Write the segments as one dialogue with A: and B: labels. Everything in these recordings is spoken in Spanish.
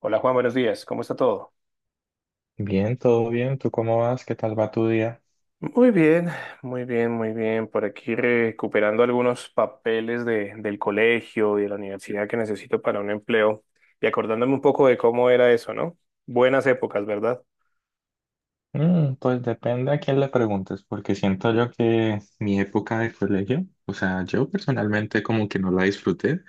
A: Hola Juan, buenos días. ¿Cómo está todo?
B: Bien, todo bien. ¿Tú cómo vas? ¿Qué tal va tu día?
A: Muy bien, muy bien, muy bien. Por aquí recuperando algunos papeles del colegio y de la universidad que necesito para un empleo y acordándome un poco de cómo era eso, ¿no? Buenas épocas, ¿verdad?
B: Pues depende a quién le preguntes, porque siento yo que mi época de colegio, o sea, yo personalmente como que no la disfruté,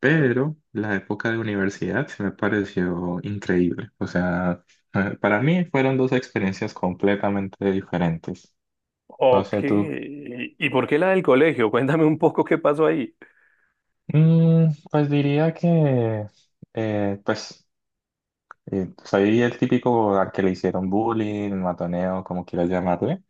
B: pero la época de universidad se me pareció increíble. O sea, para mí fueron dos experiencias completamente diferentes. No
A: Ok.
B: sé tú.
A: ¿Y por qué la del colegio? Cuéntame un poco qué pasó ahí.
B: Pues diría que, pues, soy el típico al que le hicieron bullying, matoneo, como quieras llamarle.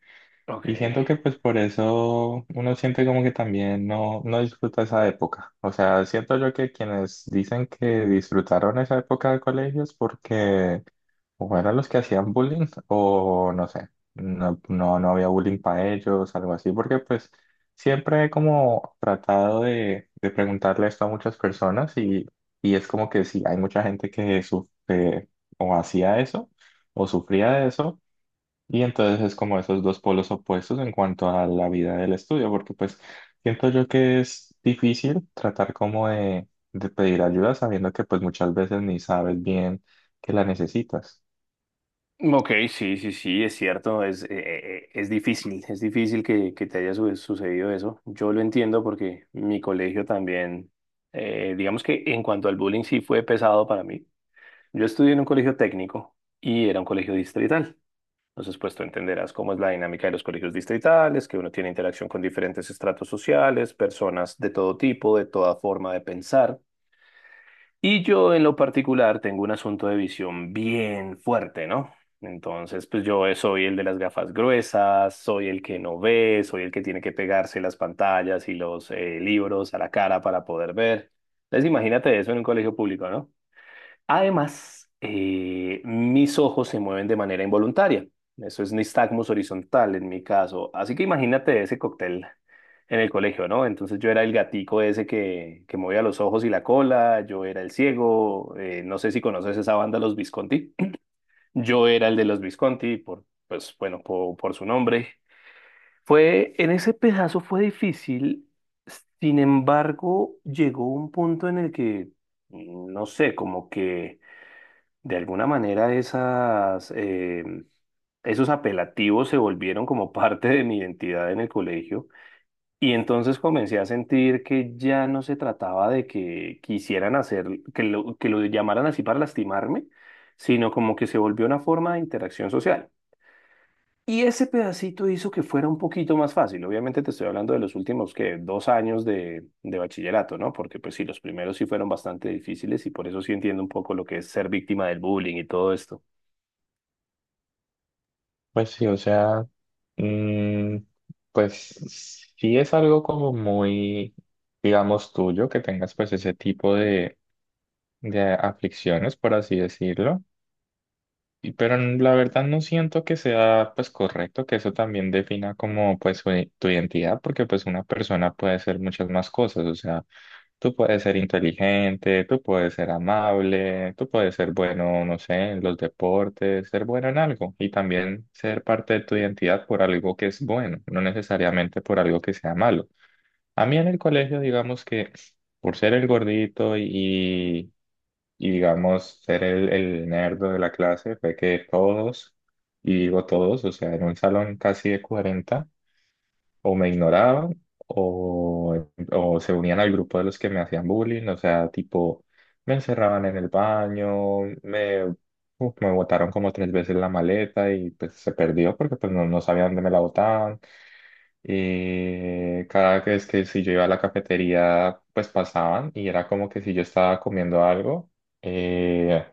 A: Ok.
B: Y siento que pues por eso uno siente como que también no, no disfruta esa época. O sea, siento yo que quienes dicen que disfrutaron esa época de colegio es porque o eran los que hacían bullying o no sé, no, no había bullying para ellos, algo así, porque pues siempre he como tratado de preguntarle esto a muchas personas y es como que sí, hay mucha gente que sufre o hacía eso o sufría de eso y entonces es como esos dos polos opuestos en cuanto a la vida del estudio, porque pues siento yo que es difícil tratar como de pedir ayuda sabiendo que pues muchas veces ni sabes bien que la necesitas.
A: Ok, sí, sí, sí, es cierto, es difícil, es difícil que te haya sucedido eso. Yo lo entiendo porque mi colegio también, digamos que en cuanto al bullying sí fue pesado para mí. Yo estudié en un colegio técnico y era un colegio distrital. Entonces, pues tú entenderás cómo es la dinámica de los colegios distritales, que uno tiene interacción con diferentes estratos sociales, personas de todo tipo, de toda forma de pensar. Y yo en lo particular tengo un asunto de visión bien fuerte, ¿no? Entonces, pues yo soy el de las gafas gruesas, soy el que no ve, soy el que tiene que pegarse las pantallas y los libros a la cara para poder ver. Entonces, imagínate eso en un colegio público, ¿no? Además, mis ojos se mueven de manera involuntaria. Eso es nistagmus horizontal en mi caso. Así que imagínate ese cóctel en el colegio, ¿no? Entonces yo era el gatico ese que movía los ojos y la cola, yo era el ciego, no sé si conoces esa banda Los Visconti. Yo era el de los Visconti por, pues bueno, por, su nombre. Fue, en ese pedazo fue difícil, sin embargo, llegó un punto en el que, no sé, como que de alguna manera esos apelativos se volvieron como parte de mi identidad en el colegio y entonces comencé a sentir que ya no se trataba de que quisieran hacer, que lo llamaran así para lastimarme, sino como que se volvió una forma de interacción social. Y ese pedacito hizo que fuera un poquito más fácil. Obviamente te estoy hablando de los últimos que 2 años de bachillerato, ¿no? Porque pues sí, los primeros sí fueron bastante difíciles y por eso sí entiendo un poco lo que es ser víctima del bullying y todo esto.
B: Pues sí, o sea, mm, pues sí es algo como muy, digamos, tuyo que tengas pues ese tipo de aflicciones, por así decirlo. Pero la verdad no siento que sea pues correcto que eso también defina como pues tu identidad, porque pues una persona puede ser muchas más cosas, o sea, tú puedes ser inteligente, tú puedes ser amable, tú puedes ser bueno, no sé, en los deportes, ser bueno en algo y también ser parte de tu identidad por algo que es bueno, no necesariamente por algo que sea malo. A mí en el colegio digamos que por ser el gordito y digamos ser el nerdo de la clase fue que todos, y digo todos, o sea, en un salón casi de 40 o me ignoraban o se unían al grupo de los que me hacían bullying, o sea, tipo, me encerraban en el baño, me, uf, me botaron como tres veces la maleta y pues se perdió porque pues no, no sabía dónde me la botaban. Y cada vez que si yo iba a la cafetería, pues pasaban y era como que si yo estaba comiendo algo, eh,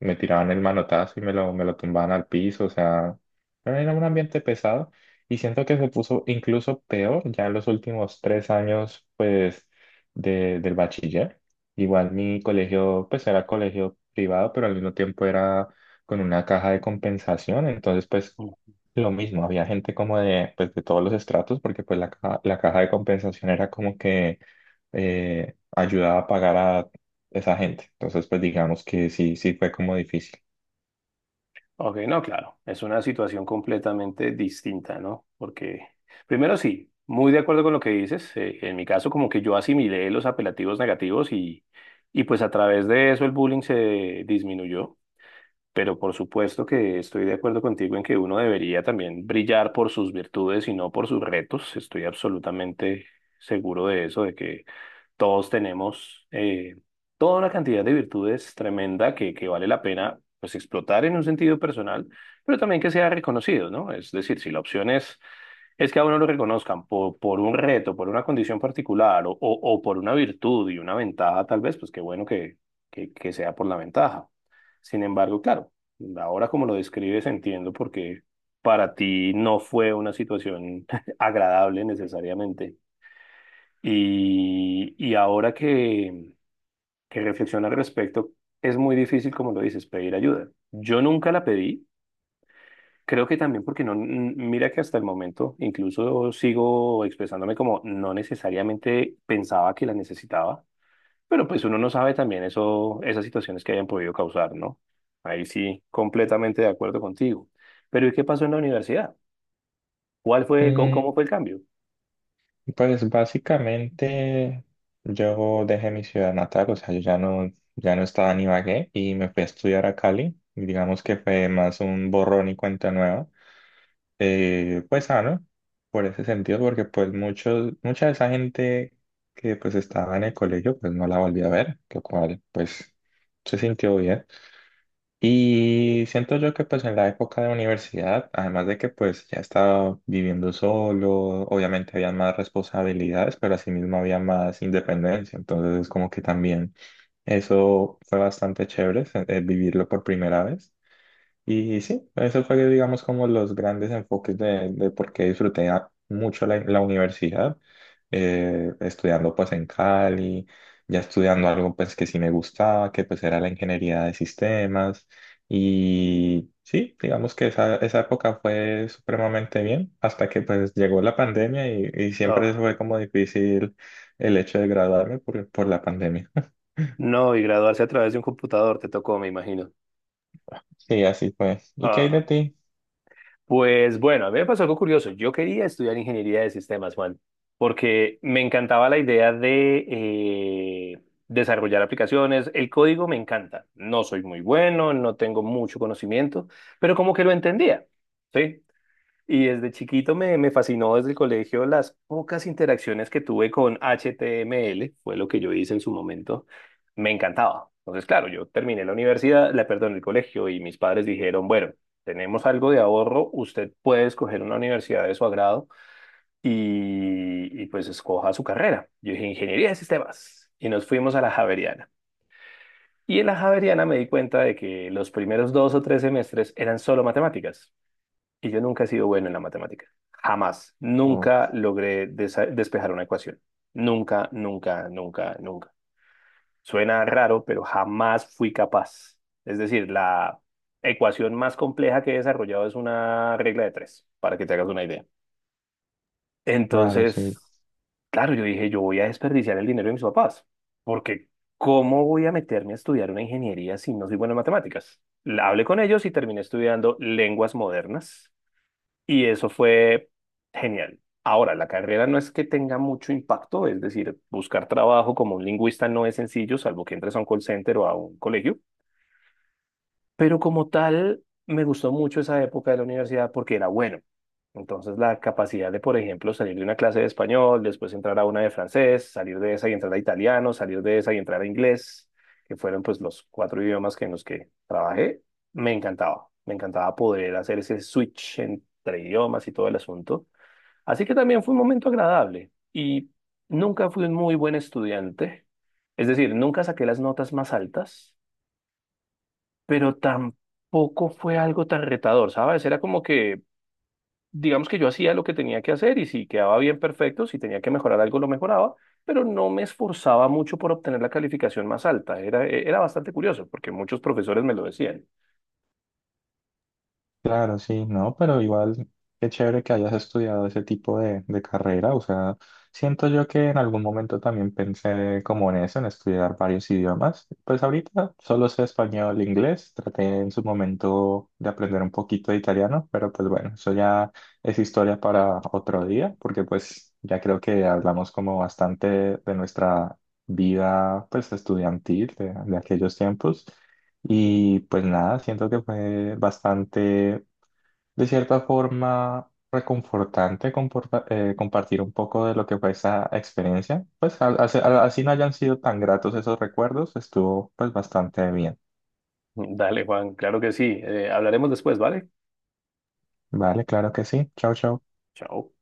B: me tiraban el manotazo y me lo tumbaban al piso. O sea, bueno, era un ambiente pesado y siento que se puso incluso peor ya en los últimos tres años, pues, del bachiller. Igual mi colegio, pues era colegio privado, pero al mismo tiempo era con una caja de compensación. Entonces, pues lo mismo, había gente como de, pues, de todos los estratos, porque pues la caja de compensación era como que ayudaba a pagar a esa gente. Entonces, pues digamos que sí, sí fue como difícil.
A: Ok, no, claro, es una situación completamente distinta, ¿no? Porque, primero sí, muy de acuerdo con lo que dices, en mi caso como que yo asimilé los apelativos negativos y pues a través de eso el bullying se disminuyó, pero por supuesto que estoy de acuerdo contigo en que uno debería también brillar por sus virtudes y no por sus retos, estoy absolutamente seguro de eso, de que todos tenemos toda una cantidad de virtudes tremenda que vale la pena pues explotar en un sentido personal, pero también que sea reconocido, ¿no? Es decir, si la opción es que a uno lo reconozcan por un reto, por una condición particular o por una virtud y una ventaja, tal vez, pues qué bueno que sea por la ventaja. Sin embargo, claro, ahora como lo describes entiendo porque para ti no fue una situación agradable necesariamente. Y ahora que reflexiono al respecto, es muy difícil, como lo dices, pedir ayuda. Yo nunca la pedí, creo que también porque no, mira que hasta el momento incluso sigo expresándome como no necesariamente pensaba que la necesitaba, pero pues uno no sabe también eso, esas situaciones que hayan podido causar, ¿no? Ahí sí, completamente de acuerdo contigo. Pero ¿y qué pasó en la universidad? ¿Cuál fue, cómo, cómo
B: Mm,
A: fue el cambio?
B: pues básicamente yo dejé mi ciudad natal, o sea, yo ya no, ya no estaba en Ibagué y me fui a estudiar a Cali. Y digamos que fue más un borrón y cuenta nueva. Pues sano por ese sentido, porque pues muchos, mucha de esa gente que pues estaba en el colegio, pues no la volví a ver, lo cual pues se sintió bien. Y siento yo que pues en la época de universidad, además de que pues ya estaba viviendo solo, obviamente había más responsabilidades, pero asimismo había más independencia, entonces como que también eso fue bastante chévere, vivirlo por primera vez. Y sí, eso fue, digamos, como los grandes enfoques de por qué disfruté mucho la universidad, estudiando pues en Cali, ya estudiando algo pues que sí me gustaba, que pues era la ingeniería de sistemas. Y sí, digamos que esa época fue supremamente bien, hasta que pues llegó la pandemia y siempre
A: Ah,
B: fue como difícil el hecho de graduarme por la pandemia.
A: no, y graduarse a través de un computador te tocó, me imagino.
B: Sí, así fue. ¿Y qué hay
A: Ah.
B: de ti?
A: Pues bueno, a mí me pasó algo curioso. Yo quería estudiar ingeniería de sistemas, Juan, porque me encantaba la idea de eh, desarrollar aplicaciones. El código me encanta. No soy muy bueno, no tengo mucho conocimiento, pero como que lo entendía. ¿Sí? Y desde chiquito me fascinó desde el colegio las pocas interacciones que tuve con HTML, fue lo que yo hice en su momento, me encantaba. Entonces, claro, yo terminé la universidad, la, perdón, el colegio y mis padres dijeron, bueno, tenemos algo de ahorro, usted puede escoger una universidad de su agrado y pues escoja su carrera. Yo dije, ingeniería de sistemas y nos fuimos a la Javeriana. Y en la Javeriana me di cuenta de que los primeros 2 o 3 semestres eran solo matemáticas. Y yo nunca he sido bueno en la matemática. Jamás.
B: Oh,
A: Nunca logré despejar una ecuación. Nunca, nunca, nunca, nunca. Suena raro, pero jamás fui capaz. Es decir, la ecuación más compleja que he desarrollado es una regla de tres, para que te hagas una idea.
B: claro, sí.
A: Entonces, claro, yo dije, yo voy a desperdiciar el dinero de mis papás, porque ¿cómo voy a meterme a estudiar una ingeniería si no soy bueno en matemáticas? Hablé con ellos y terminé estudiando lenguas modernas y eso fue genial. Ahora, la carrera no es que tenga mucho impacto, es decir, buscar trabajo como un lingüista no es sencillo, salvo que entres a un call center o a un colegio, pero como tal, me gustó mucho esa época de la universidad porque era bueno. Entonces, la capacidad de, por ejemplo, salir de una clase de español, después entrar a una de francés, salir de esa y entrar a italiano, salir de esa y entrar a inglés, que fueron pues los cuatro idiomas que en los que trabajé, me encantaba. Me encantaba poder hacer ese switch entre idiomas y todo el asunto. Así que también fue un momento agradable y nunca fui un muy buen estudiante. Es decir, nunca saqué las notas más altas pero tampoco fue algo tan retador, ¿sabes? Era como que, digamos que yo hacía lo que tenía que hacer y si quedaba bien perfecto, si tenía que mejorar algo, lo mejoraba, pero no me esforzaba mucho por obtener la calificación más alta. Era bastante curioso porque muchos profesores me lo decían.
B: Claro, sí, no, pero igual qué chévere que hayas estudiado ese tipo de carrera. O sea, siento yo que en algún momento también pensé como en eso, en estudiar varios idiomas. Pues ahorita solo sé español e inglés. Traté en su momento de aprender un poquito de italiano, pero pues bueno, eso ya es historia para otro día, porque pues ya creo que hablamos como bastante de nuestra vida pues estudiantil de aquellos tiempos. Y pues nada, siento que fue bastante de cierta forma reconfortante compartir un poco de lo que fue esa experiencia. Pues así no hayan sido tan gratos esos recuerdos, estuvo pues bastante bien.
A: Dale, Juan, claro que sí. Hablaremos después, ¿vale?
B: Vale, claro que sí. Chao, chao.
A: Chao.